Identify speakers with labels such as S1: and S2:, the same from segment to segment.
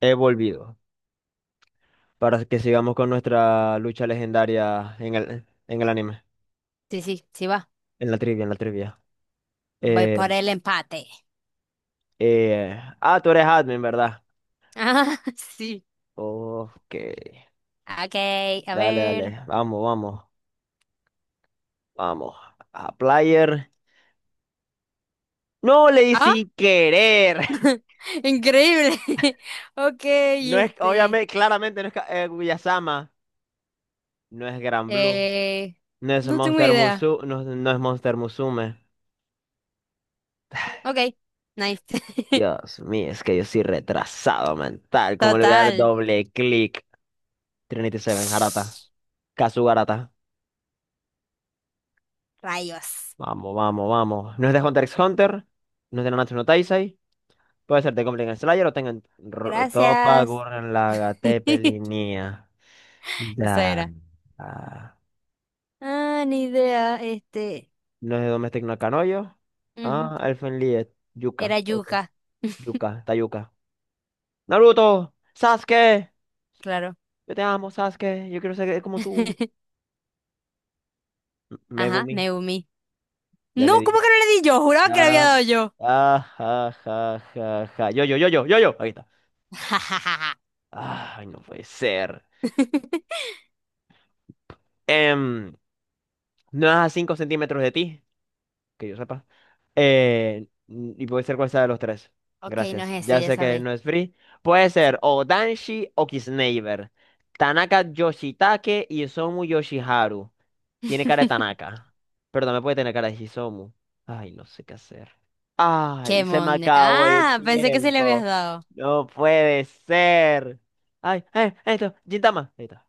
S1: He volvido para que sigamos con nuestra lucha legendaria en el anime,
S2: Sí, sí, sí va.
S1: en la trivia.
S2: Voy
S1: Eh,
S2: por el empate.
S1: Tú eres admin, ¿verdad?
S2: Ah, sí.
S1: Ok.
S2: Ok, a
S1: Dale,
S2: ver.
S1: dale. Vamos, vamos, vamos. A player. No leí
S2: ¡Ah!
S1: sin querer.
S2: Increíble. Ok,
S1: No es,
S2: este.
S1: obviamente, claramente no es Guyasama. No es Gran Blue.
S2: Eh,
S1: No es
S2: no tengo idea.
S1: No, no es Monster Musume.
S2: Ok, nice.
S1: Dios mío, es que yo soy retrasado mental. ¿Cómo le voy a dar
S2: Total.
S1: doble clic? Trinity Seven, Harata. Kasugarata.
S2: Rayos.
S1: Vamos, vamos, vamos. No es de Hunter x Hunter. No es de Nanatsu no Taizai. Puede ser de Goblin Slayer o tengan Toppa,
S2: Gracias.
S1: Gurren Lagann, Teppel y Nia.
S2: Esa
S1: Da.
S2: era.
S1: Ah.
S2: Ah, ni idea. Este.
S1: No es de Domestic no Kanoyo.
S2: Ujú,
S1: Ah, Elfen Lied. Yuka.
S2: era
S1: Ok.
S2: yuca,
S1: Yuka, está Yuka. Naruto, Sasuke.
S2: claro.
S1: Yo te amo, Sasuke. Yo quiero ser como tú.
S2: Ajá,
S1: Megumi.
S2: Neumi.
S1: Ya
S2: No,
S1: le di
S2: ¿cómo
S1: yo.
S2: que no le di yo? Juraba que le había
S1: Ah,
S2: dado yo.
S1: ah, ja, ja, ja, ja. Yo, yo, yo, yo, yo, yo. Ahí está. Ah, ay, no puede ser. em, no es a 5 centímetros de ti, que yo sepa. Y puede ser cual sea de los tres.
S2: Ok, no
S1: Gracias.
S2: es ese,
S1: Ya
S2: ya
S1: sé que
S2: sabéis.
S1: no es free. Puede ser
S2: Sí.
S1: o Danshi o Kisneiver. Tanaka Yoshitake y Isomu Yoshiharu. Tiene cara de Tanaka. Pero también puede tener cara de Hisomu. Ay, no sé qué hacer.
S2: Qué
S1: Ay, se me
S2: monde.
S1: acabó el
S2: Ah, pensé que se le habías
S1: tiempo.
S2: dado.
S1: No puede ser. Ay, ay, esto, Gintama. Ahí está.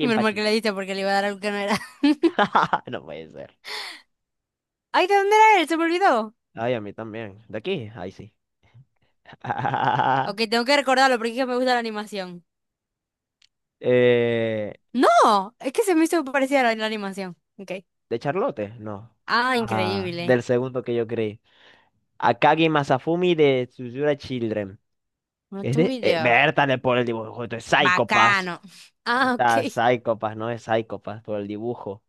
S2: Menos mal que le diste porque le iba a dar algo que no era.
S1: No puede ser.
S2: Ay, ¿de dónde era él? Se me olvidó.
S1: Ay, a mí también. ¿De aquí? Ay, sí.
S2: Ok, tengo que recordarlo porque es que me gusta la animación.
S1: Eh,
S2: No, es que se me hizo parecida a la animación. Ok.
S1: ¿De Charlotte? No.
S2: Ah,
S1: Ah,
S2: increíble.
S1: del segundo que yo creí. Akagi Masafumi de Tsuzura Children.
S2: No
S1: Que es
S2: tengo
S1: de.
S2: idea.
S1: Bertale por el dibujo. Esto es Psychopass.
S2: Bacano.
S1: Ahí
S2: Ah, ok.
S1: está, Psychopass, no es Psychopass, por el dibujo.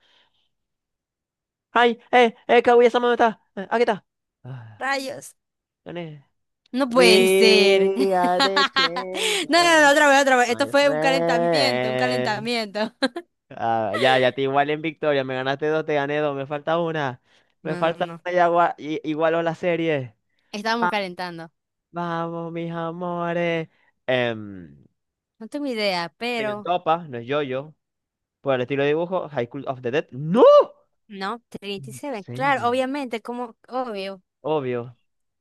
S1: ¡Ay! ¡Kaguya-sama no está! ¡Aquí está! Ah,
S2: Rayos.
S1: ¿dónde es?
S2: No puede ser.
S1: We are the
S2: No, no, no,
S1: champions,
S2: otra vez, otra vez. Esto
S1: my
S2: fue un calentamiento, un
S1: friend.
S2: calentamiento.
S1: Ah, ya te igualé en victoria. Me ganaste dos, te gané dos. Me falta una. Me
S2: No, no,
S1: falta
S2: no.
S1: una y igualo la serie.
S2: Estábamos
S1: Ah,
S2: calentando.
S1: vamos, mis amores. Em,
S2: No tengo idea,
S1: Tengan
S2: pero
S1: topa, no es yo-yo. Por el estilo de dibujo, High School of the Dead. ¡No!
S2: no, 37. Claro,
S1: Seven.
S2: obviamente, como obvio.
S1: Obvio.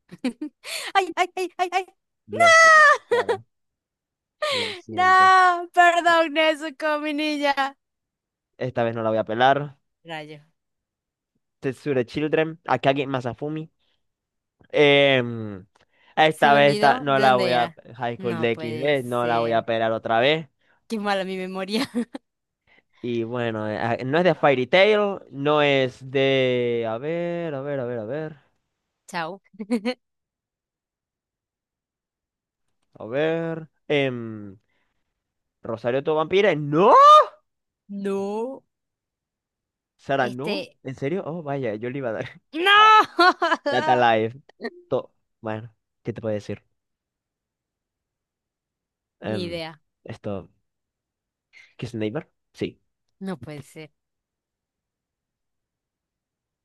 S2: Ay, ay, ay, ay, ay.
S1: Lo siento, Sara.
S2: No,
S1: Lo siento.
S2: no, perdón, Nezuko, mi niña.
S1: Esta vez no la voy a pelar.
S2: Rayo.
S1: Tetsure Children. Akagi Masafumi. Em,
S2: Se
S1: Esta
S2: me
S1: vez esta,
S2: olvidó
S1: no
S2: de
S1: la voy
S2: dónde
S1: a.
S2: era.
S1: High School
S2: No
S1: de X
S2: puede
S1: D no la voy a
S2: ser.
S1: pelar otra vez.
S2: Qué mala mi memoria.
S1: Y bueno, no es de Fairy Tail, no es de. A ver, a ver, a ver, a ver.
S2: Chao.
S1: A ver. Rosario to Vampire. ¡No!
S2: No.
S1: Sara, no.
S2: Este.
S1: ¿En serio? Oh, vaya, yo le iba a dar.
S2: ¡No!
S1: Ah, Data Live. To- Bueno, ¿qué te puedo decir?
S2: Ni
S1: Em,
S2: idea.
S1: esto. ¿Kiss the Neighbor? Sí.
S2: No puede ser.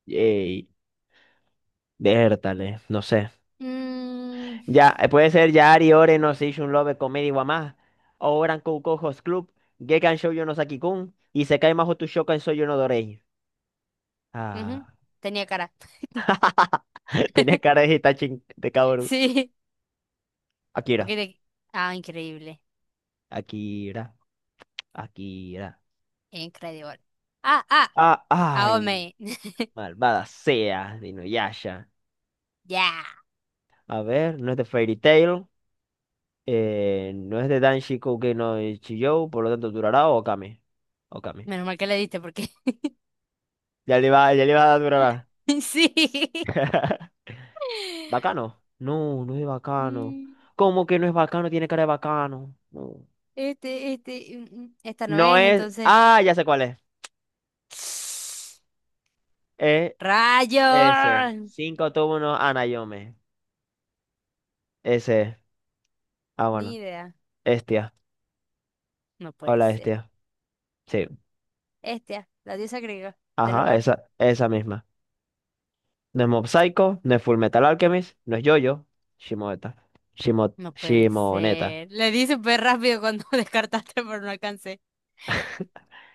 S1: Yay. Vértale, no sé.
S2: Mm,
S1: Ya, puede ser Yari, Ore, no Seishun Love, Comedy Wamás, Oran Koukou Host Club, Gekan Shoujo no Saki-kun, y Isekai Mahou to Shokan Soyo no Dorei.
S2: ujú.
S1: Ah,
S2: Tenía cara.
S1: tenía cara de Hitachi, de cabrón.
S2: Sí. Ok.
S1: Akira,
S2: De... ah, increíble.
S1: Akira, Akira.
S2: Increíble. Ah, ah,
S1: Ah, ay,
S2: Aome.
S1: malvada sea, de Inuyasha.
S2: Ya.
S1: A ver, no es de Fairy Tail, no es de Danshi Koukei no Chiyou, por lo tanto, Durará o Okame. Okame.
S2: Menos mal que le diste porque.
S1: Ya le va a dar Durará.
S2: Sí.
S1: ¿Bacano? No, no es de bacano.
S2: Mm,
S1: ¿Cómo que no es bacano? Tiene cara de bacano. No.
S2: este, esta no
S1: No
S2: es,
S1: es.
S2: entonces.
S1: Ah, ya sé cuál es. Es
S2: ¡Rayo!
S1: ese. Cinco túmulos Anayome. Ese. Ah,
S2: Ni
S1: bueno.
S2: idea.
S1: Estia.
S2: No puede
S1: Hola,
S2: ser.
S1: Estia. Sí.
S2: Este, la diosa griega del
S1: Ajá,
S2: hogar.
S1: esa misma. No es Mob Psycho, no es Full Metal Alchemist, no es Jojo, Shimoeta.
S2: No puede
S1: Shimoneta.
S2: ser. Le di súper rápido cuando descartaste, pero no alcancé.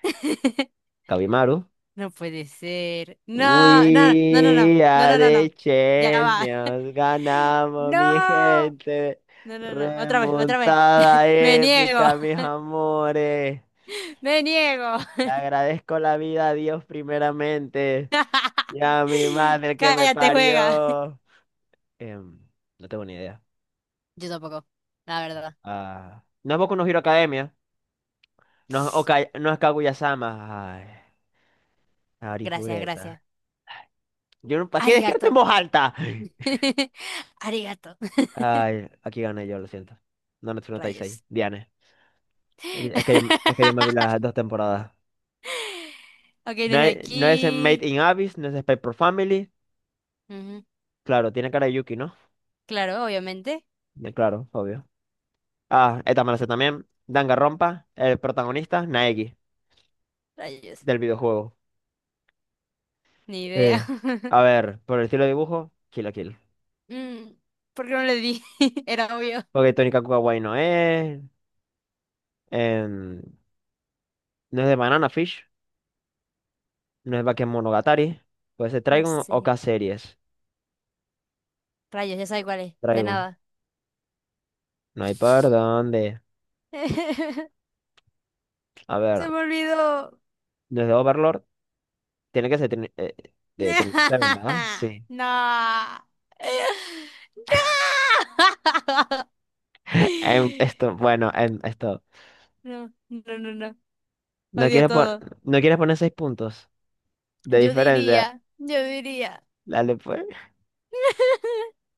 S1: Kabimaru.
S2: No puede ser. No, no, no, no, no,
S1: We
S2: no, no,
S1: are
S2: no, no,
S1: the
S2: no. Ya va.
S1: champions. Ganamos, mi
S2: No.
S1: gente.
S2: No, no, no. Otra vez, otra vez.
S1: Remontada
S2: Me niego.
S1: épica, mis amores.
S2: Me niego.
S1: Le agradezco la vida a Dios primeramente y a mi madre que me
S2: Cállate, juega.
S1: parió. Em, no tengo ni idea.
S2: Yo tampoco, la verdad.
S1: Ah, no es Boku no Hero Academia. No es Kaguya-sama. Ay,
S2: Gracias,
S1: Arifureta.
S2: gracias.
S1: Yo no, ¿para qué describiste en
S2: Arigato.
S1: voz alta?
S2: Arigato.
S1: Ay, aquí gané yo, lo siento. No, no, no estáis ahí.
S2: Rayos.
S1: Diane. Es que yo me vi las 2 temporadas.
S2: Ok,
S1: No,
S2: desde
S1: no es en Made
S2: aquí.
S1: in Abyss, no es Spy for Family.
S2: Ujú.
S1: Claro, tiene cara de Yuki, ¿no?
S2: Claro, obviamente.
S1: Claro, obvio. Ah, esta me la sé también. Danganronpa, el protagonista, Naegi,
S2: Rayos.
S1: del videojuego.
S2: Ni idea.
S1: Eh, a ver, por el estilo de dibujo, Kill la Kill.
S2: Mm, ¿por qué no le di? Era obvio.
S1: Porque Tony Kakuga Guay no es. em, no es de Banana Fish, no es Bakemonogatari, puede ser
S2: No
S1: Trigun o
S2: sé.
S1: K-Series.
S2: Rayos, ya sabe cuál es. De
S1: Trigun,
S2: nada.
S1: no hay por dónde. A ver,
S2: Se me olvidó.
S1: no es de Overlord, tiene que ser de Trinity Seven, ¿verdad? Sí.
S2: No. No,
S1: Esto, bueno, esto.
S2: no, no, no, no.
S1: No
S2: Odio
S1: quieres, pon-
S2: todo.
S1: no quieres poner 6 puntos de
S2: Yo
S1: diferencia.
S2: diría, yo diría.
S1: Dale, pues.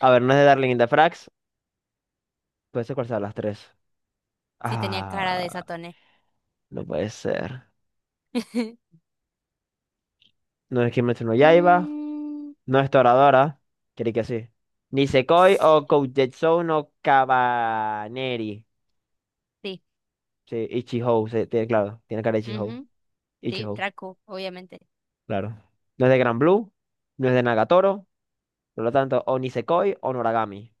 S1: A ver, no es de Darling in the Franxx, puede ser cuál de las tres.
S2: Sí tenía cara de
S1: Ah,
S2: Satone.
S1: no puede ser. No es Kimetsu no Yaiba.
S2: Mm,
S1: No es Toradora, creí que sí. Nisekoi o Koujutsu no Kabaneri.
S2: sí.
S1: Sí, Ichihou, sí, claro, tiene cara de Ichihou.
S2: Ujú, sí,
S1: Ichihou,
S2: Raku, obviamente.
S1: claro. No es de Gran Blue, no es de Nagatoro, por lo tanto, o Nisekoi o Noragami.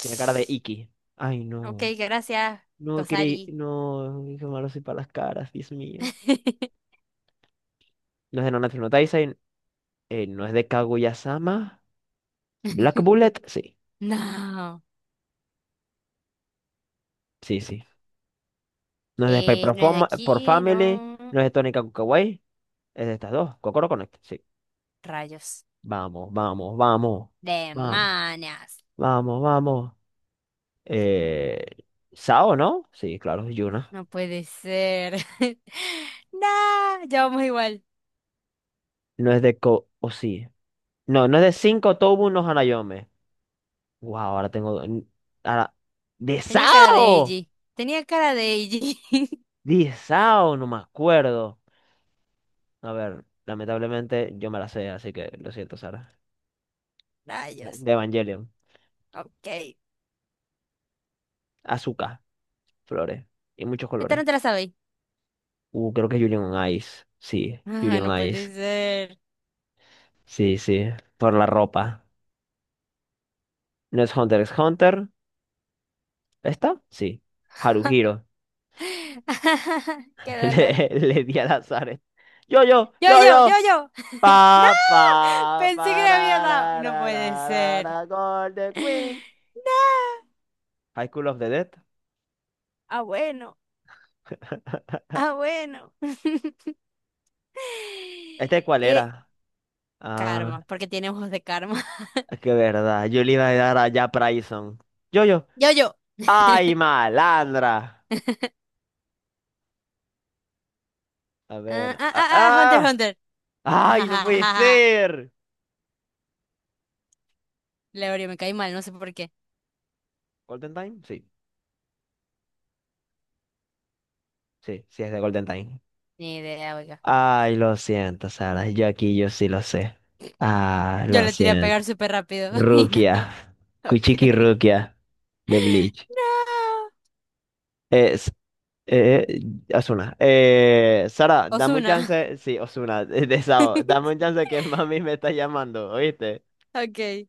S1: Tiene cara de Iki. Ay,
S2: Ok,
S1: no.
S2: gracias,
S1: No creí,
S2: Kosari.
S1: no, qué malo soy para las caras, Dios mío. No es de Nanatsu no Taizai, no es de Kaguya-sama. Black Bullet, sí,
S2: No.
S1: sí, sí. No es de Spy por
S2: No es de aquí,
S1: Family,
S2: no.
S1: no es de Tony Kakukawai. Es de estas dos. Cocoro Connect, sí.
S2: Rayos.
S1: Vamos, vamos, vamos. Vamos,
S2: Demonios.
S1: vamos, vamos. Eh, Sao, ¿no? Sí, claro, es Yuna.
S2: No puede ser. Nah, ya vamos igual.
S1: No es de O sí. No, no es de 5 Tobu no Hanayome. Wow, ahora tengo. Ahora. ¡De
S2: Tenía cara de
S1: Sao!
S2: Eiji. Tenía cara de Eiji.
S1: ¡De Sao! No me acuerdo. A ver, lamentablemente yo me la sé, así que lo siento, Sara.
S2: Rayos.
S1: De Evangelion.
S2: Ok.
S1: Azúcar, flores. Y muchos
S2: Esta
S1: colores.
S2: no te la sabéis.
S1: Creo que es Julian on Ice. Sí,
S2: Ah,
S1: Julian
S2: no
S1: on
S2: puede
S1: Ice.
S2: ser.
S1: Sí, sí, por la ropa. ¿No es Hunter x Hunter? ¿Esta? Sí. Haruhiro.
S2: Qué dolor.
S1: Le di al azar. Yo, yo,
S2: Yo,
S1: yo,
S2: yo,
S1: yo.
S2: yo, yo. No,
S1: Pa, pa,
S2: pensé que
S1: pa,
S2: le había
S1: ra,
S2: dado.
S1: ra,
S2: No
S1: ra,
S2: puede
S1: ra, ra,
S2: ser.
S1: ra, Golden Queen.
S2: No.
S1: High School of the Dead.
S2: Ah, bueno. Ah, bueno.
S1: ¿Este cuál
S2: Eh,
S1: era? Ah,
S2: karma, porque tiene ojos de karma.
S1: qué verdad. Yo le iba a dar a Jack Bryson. Yo, yo.
S2: Yo, yo.
S1: ¡Ay, malandra! A
S2: Ah,
S1: ver.
S2: ah,
S1: ¡Ah!
S2: ah, ah, Hunter,
S1: Ah.
S2: Hunter.
S1: ¡Ay, no puede ser!
S2: Leorio, me caí mal, no sé por qué.
S1: ¿Golden Time? Sí, sí, sí es de Golden Time.
S2: Ni idea, oiga.
S1: Ay, lo siento, Sara. Yo aquí, yo sí lo sé. Ah,
S2: Yo
S1: lo
S2: le tiré a
S1: siento.
S2: pegar súper rápido y nada.
S1: Rukia.
S2: Ok.
S1: Kuchiki Rukia de Bleach.
S2: No.
S1: Es, eh, Osuna. Sara, dame un
S2: Ozuna.
S1: chance. Sí, Osuna, de Sao. Dame un chance que mami me está llamando, ¿oíste?
S2: Ok.